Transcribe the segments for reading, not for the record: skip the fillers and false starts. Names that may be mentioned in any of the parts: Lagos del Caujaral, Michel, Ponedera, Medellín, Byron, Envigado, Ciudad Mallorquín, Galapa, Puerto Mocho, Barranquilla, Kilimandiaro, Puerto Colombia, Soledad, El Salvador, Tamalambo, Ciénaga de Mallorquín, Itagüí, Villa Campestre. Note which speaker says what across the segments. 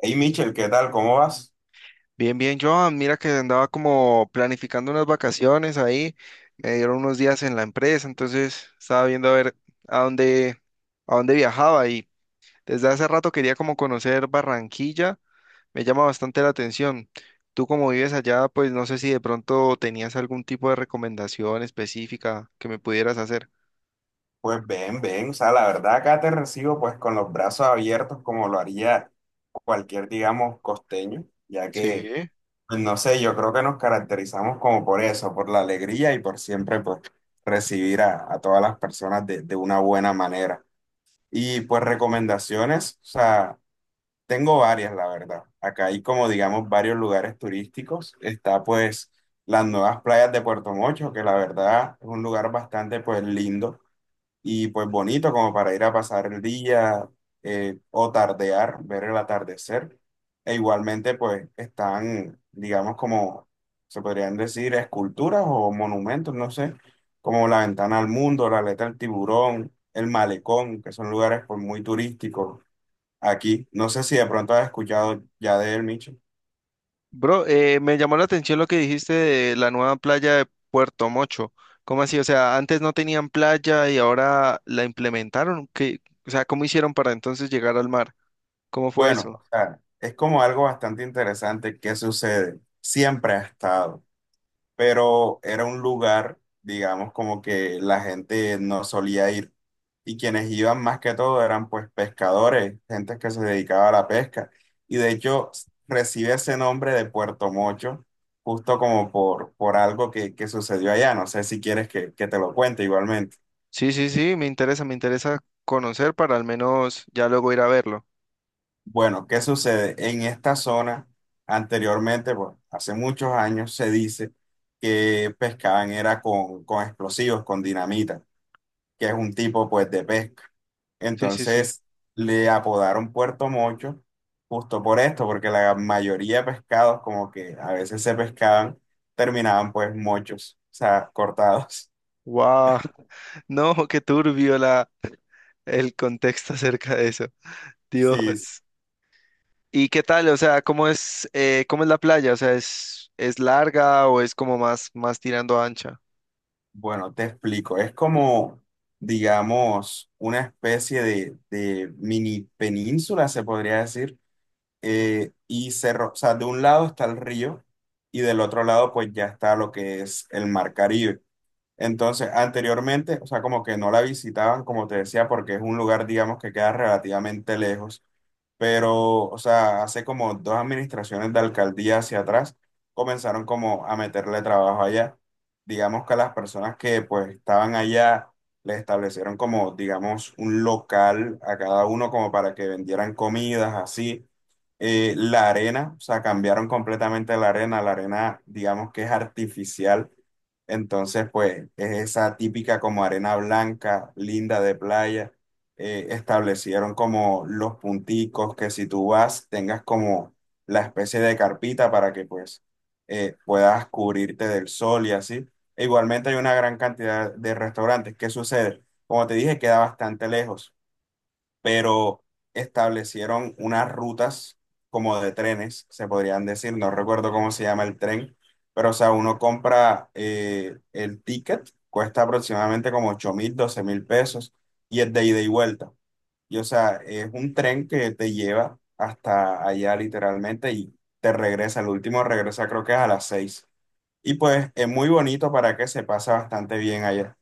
Speaker 1: Hey Michel, ¿qué tal? ¿Cómo vas?
Speaker 2: Bien, bien, Joan, mira que andaba como planificando unas vacaciones ahí, me dieron unos días en la empresa, entonces estaba viendo a ver a dónde, a dónde viajaba y desde hace rato quería como conocer Barranquilla, me llama bastante la atención. Tú como vives allá, pues no sé si de pronto tenías algún tipo de recomendación específica que me pudieras hacer.
Speaker 1: Pues bien, bien. O sea, la verdad acá te recibo pues con los brazos abiertos como lo haría cualquier, digamos, costeño, ya que,
Speaker 2: Sí.
Speaker 1: pues, no sé, yo creo que nos caracterizamos como por eso, por la alegría y por siempre pues recibir a todas las personas de una buena manera. Y pues recomendaciones, o sea, tengo varias, la verdad. Acá hay como, digamos, varios lugares turísticos. Está pues las nuevas playas de Puerto Mocho, que la verdad es un lugar bastante pues lindo y pues bonito como para ir a pasar el día, o tardear, ver el atardecer. E igualmente pues están, digamos como se podrían decir, esculturas o monumentos, no sé, como la ventana al mundo, la aleta del tiburón, el malecón, que son lugares pues muy turísticos aquí. No sé si de pronto has escuchado ya de él, Micho.
Speaker 2: Bro, me llamó la atención lo que dijiste de la nueva playa de Puerto Mocho. ¿Cómo así? O sea, ¿antes no tenían playa y ahora la implementaron? ¿Qué, o sea, cómo hicieron para entonces llegar al mar? ¿Cómo fue
Speaker 1: Bueno,
Speaker 2: eso?
Speaker 1: o sea, es como algo bastante interesante que sucede. Siempre ha estado, pero era un lugar, digamos, como que la gente no solía ir. Y quienes iban más que todo eran pues pescadores, gente que se dedicaba a la pesca. Y de hecho recibe ese nombre de Puerto Mocho, justo como por algo que sucedió allá. No sé si quieres que te lo cuente igualmente.
Speaker 2: Sí, sí, sí, me interesa conocer para al menos ya luego ir a verlo.
Speaker 1: Bueno, ¿qué sucede? En esta zona, anteriormente, pues hace muchos años, se dice que pescaban era con explosivos, con dinamita, que es un tipo pues de pesca.
Speaker 2: Sí, sí, sí.
Speaker 1: Entonces le apodaron Puerto Mocho justo por esto, porque la mayoría de pescados como que a veces se pescaban, terminaban pues mochos, o sea, cortados.
Speaker 2: ¡Wow! No, qué turbio la, el contexto acerca de eso.
Speaker 1: Sí,
Speaker 2: Dios. ¿Y qué tal? O sea, cómo es la playa? O sea, es larga o es como más, más tirando a ancha?
Speaker 1: bueno, te explico, es como, digamos, una especie de mini península, se podría decir, y cerro, o sea, de un lado está el río y del otro lado pues ya está lo que es el mar Caribe. Entonces, anteriormente, o sea, como que no la visitaban, como te decía, porque es un lugar, digamos, que queda relativamente lejos pero, o sea, hace como dos administraciones de alcaldía hacia atrás comenzaron como a meterle trabajo allá. Digamos que a las personas que pues estaban allá les establecieron como, digamos, un local a cada uno como para que vendieran comidas, así. La arena, o sea, cambiaron completamente la arena. La arena, digamos que es artificial. Entonces, pues es esa típica como arena blanca, linda de playa, establecieron como los punticos que si tú vas tengas como la especie de carpita para que pues puedas cubrirte del sol y así. E igualmente hay una gran cantidad de restaurantes. ¿Qué sucede? Como te dije, queda bastante lejos, pero establecieron unas rutas como de trenes, se podrían decir, no recuerdo cómo se llama el tren, pero o sea, uno compra el ticket, cuesta aproximadamente como 8.000, 12.000 pesos y es de ida y vuelta. Y o sea, es un tren que te lleva hasta allá literalmente y te regresa. El último regresa creo que es a las 6. Y pues es muy bonito para que se pasa bastante bien allá.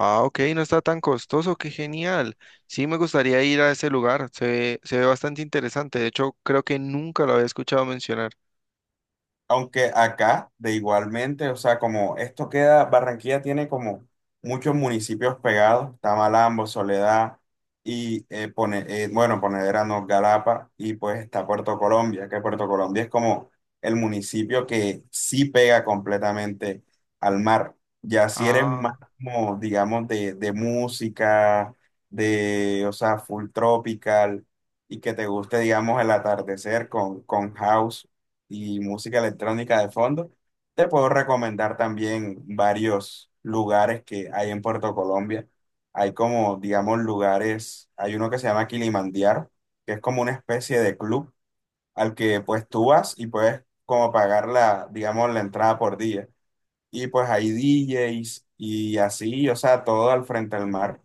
Speaker 2: Ah, ok, no está tan costoso, qué genial. Sí, me gustaría ir a ese lugar, se ve bastante interesante. De hecho, creo que nunca lo había escuchado mencionar.
Speaker 1: Aunque acá, de igualmente, o sea, como esto queda, Barranquilla tiene como muchos municipios pegados, Tamalambo, Soledad y, bueno, Ponedera, no, Galapa, y pues está Puerto Colombia, que Puerto Colombia es como el municipio que sí pega completamente al mar. Ya si eres más
Speaker 2: Ah,
Speaker 1: como, digamos, de música, o sea, full tropical, y que te guste, digamos, el atardecer con house y música electrónica de fondo. Te puedo recomendar también varios lugares que hay en Puerto Colombia. Hay como, digamos, lugares, hay uno que se llama Kilimandiaro, que es como una especie de club al que pues tú vas y puedes como pagar la, digamos, la entrada por día. Y pues hay DJs y así, o sea, todo al frente del mar.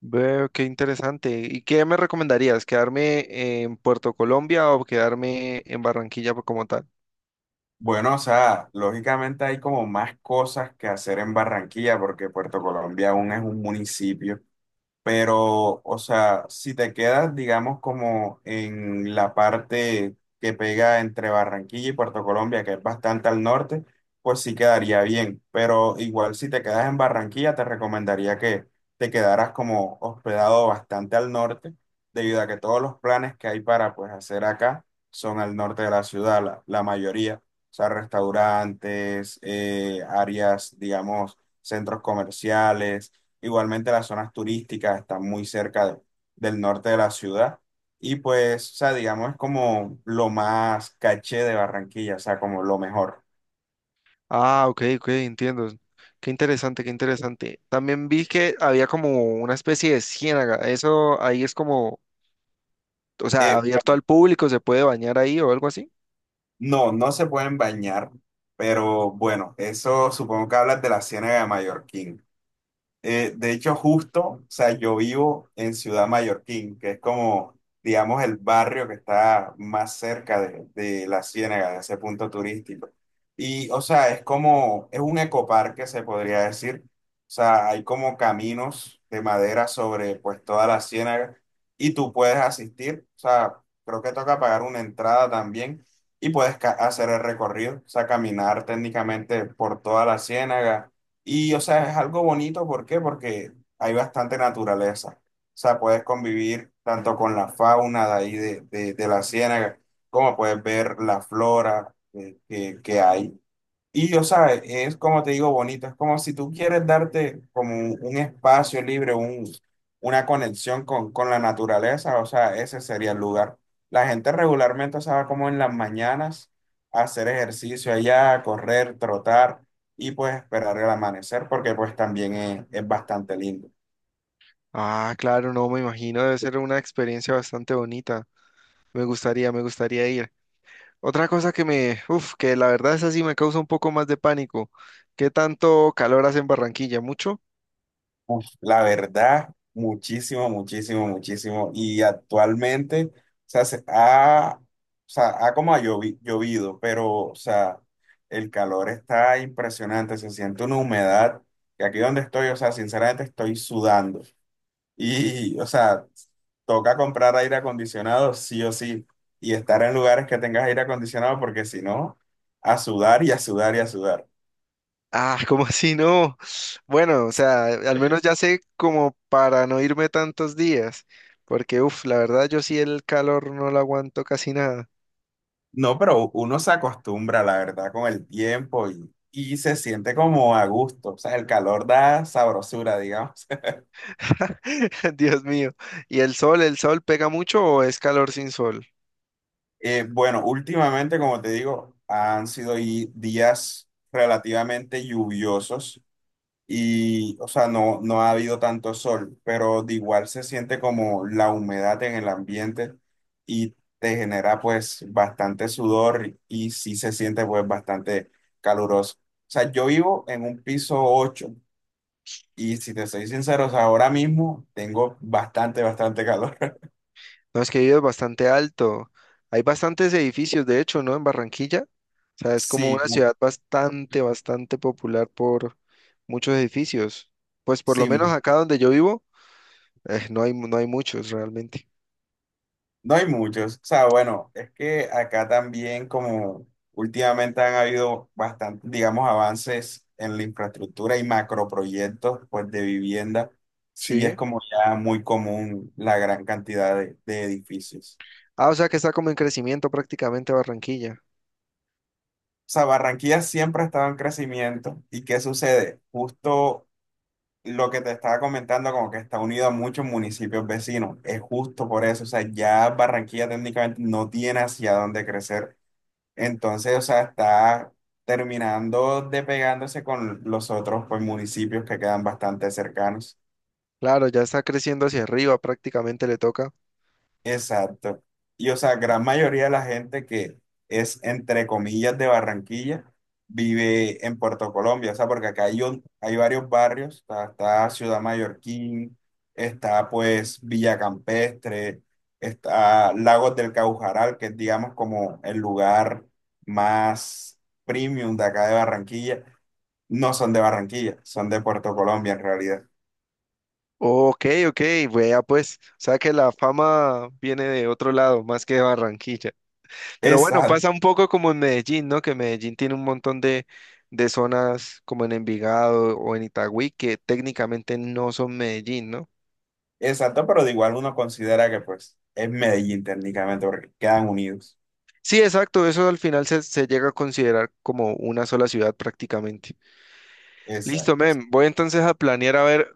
Speaker 2: veo, qué interesante. ¿Y qué me recomendarías? ¿Quedarme en Puerto Colombia o quedarme en Barranquilla por- como tal?
Speaker 1: Bueno, o sea, lógicamente hay como más cosas que hacer en Barranquilla porque Puerto Colombia aún es un municipio. Pero, o sea, si te quedas, digamos, como en la parte que pega entre Barranquilla y Puerto Colombia, que es bastante al norte, pues sí quedaría bien. Pero igual si te quedas en Barranquilla, te recomendaría que te quedaras como hospedado bastante al norte, debido a que todos los planes que hay para pues hacer acá son al norte de la ciudad, la mayoría. O sea, restaurantes, áreas, digamos, centros comerciales. Igualmente las zonas turísticas están muy cerca del norte de la ciudad y pues, o sea, digamos, es como lo más caché de Barranquilla, o sea, como lo mejor.
Speaker 2: Ah, ok, ok, entiendo. Qué interesante, qué interesante. También vi que había como una especie de ciénaga. Eso ahí es como, o sea,
Speaker 1: Eh,
Speaker 2: ¿abierto al público, se puede bañar ahí o algo así?
Speaker 1: no, no se pueden bañar, pero bueno, eso supongo que hablas de la Ciénaga de Mallorquín. De hecho, justo, o sea, yo vivo en Ciudad Mallorquín, que es como, digamos, el barrio que está más cerca de la Ciénaga, de ese punto turístico. Y, o sea, es como, es un ecoparque, se podría decir. O sea, hay como caminos de madera sobre, pues, toda la Ciénaga y tú puedes asistir. O sea, creo que toca pagar una entrada también y puedes hacer el recorrido, o sea, caminar técnicamente por toda la Ciénaga y, o sea, es algo bonito, ¿por qué? Porque hay bastante naturaleza. O sea, puedes convivir tanto con la fauna de ahí de la ciénaga, como puedes ver la flora que hay. Y, o sea, es como te digo, bonito, es como si tú quieres darte como un espacio libre, una conexión con la naturaleza, o sea, ese sería el lugar. La gente regularmente, o sea, va como en las mañanas a hacer ejercicio allá, a correr, trotar y pues esperar el amanecer, porque pues también es bastante lindo.
Speaker 2: Ah, claro, no, me imagino, debe ser una experiencia bastante bonita. Me gustaría ir. Otra cosa que me, uf, que la verdad es así, me causa un poco más de pánico. ¿Qué tanto calor hace en Barranquilla? ¿Mucho?
Speaker 1: Uf, la verdad, muchísimo, muchísimo, muchísimo. Y actualmente, o sea, o sea, ha como llovido, pero, o sea, el calor está impresionante, se siente una humedad, que aquí donde estoy, o sea, sinceramente estoy sudando. Y, o sea, toca comprar aire acondicionado, sí o sí, y estar en lugares que tengas aire acondicionado, porque si no, a sudar y a sudar y a sudar.
Speaker 2: Ah, ¿como así no? Bueno, o sea, al menos ya sé como para no irme tantos días, porque uf, la verdad yo sí el calor no lo aguanto casi nada.
Speaker 1: No, pero uno se acostumbra, la verdad, con el tiempo y se siente como a gusto. O sea, el calor da sabrosura, digamos.
Speaker 2: Dios mío. ¿Y el sol pega mucho o es calor sin sol?
Speaker 1: Bueno, últimamente, como te digo, han sido días relativamente lluviosos y, o sea, no, no ha habido tanto sol, pero de igual se siente como la humedad en el ambiente y te genera pues bastante sudor y sí se siente pues bastante caluroso. O sea, yo vivo en un piso ocho. Y si te soy sincero, o sea, ahora mismo tengo bastante, bastante calor.
Speaker 2: No, es que vive bastante alto. Hay bastantes edificios, de hecho, ¿no? En Barranquilla. O sea, es como
Speaker 1: Sí,
Speaker 2: una ciudad bastante, bastante popular por muchos edificios. Pues por lo
Speaker 1: sí,
Speaker 2: menos acá donde yo vivo, no hay, no hay muchos realmente.
Speaker 1: no hay muchos. O sea, bueno, es que acá también como últimamente han habido bastante, digamos, avances en la infraestructura y macroproyectos, pues, de vivienda, sí es
Speaker 2: Sí.
Speaker 1: como ya muy común la gran cantidad de edificios.
Speaker 2: Ah, o sea que está como en crecimiento prácticamente Barranquilla.
Speaker 1: O sea, Barranquilla siempre ha estado en crecimiento. ¿Y qué sucede? Justo lo que te estaba comentando, como que está unido a muchos municipios vecinos, es justo por eso, o sea, ya Barranquilla técnicamente no tiene hacia dónde crecer, entonces, o sea, está terminando de pegándose con los otros, pues, municipios que quedan bastante cercanos.
Speaker 2: Claro, ya está creciendo hacia arriba, prácticamente le toca.
Speaker 1: Exacto. Y o sea, gran mayoría de la gente que es, entre comillas, de Barranquilla, vive en Puerto Colombia. O sea, porque acá hay, hay varios barrios. Está Ciudad Mallorquín, está pues Villa Campestre, está Lagos del Caujaral, que es digamos como el lugar más premium de acá de Barranquilla. No son de Barranquilla, son de Puerto Colombia en realidad.
Speaker 2: Ok, ok, vea pues. O sea que la fama viene de otro lado, más que de Barranquilla. Pero bueno,
Speaker 1: Exacto.
Speaker 2: pasa un poco como en Medellín, ¿no? Que Medellín tiene un montón de zonas como en Envigado o en Itagüí que técnicamente no son Medellín, ¿no?
Speaker 1: Exacto, pero de igual uno considera que pues es Medellín técnicamente porque quedan unidos.
Speaker 2: Sí, exacto, eso al final se, se llega a considerar como una sola ciudad prácticamente. Listo,
Speaker 1: Exacto.
Speaker 2: men, voy entonces a planear a ver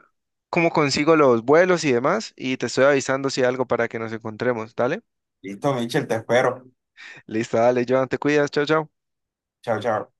Speaker 2: cómo consigo los vuelos y demás y te estoy avisando si hay algo para que nos encontremos, ¿dale?
Speaker 1: Listo, Michel, te espero.
Speaker 2: Listo, dale, Joan, te cuidas, chao, chao.
Speaker 1: Chao, chao.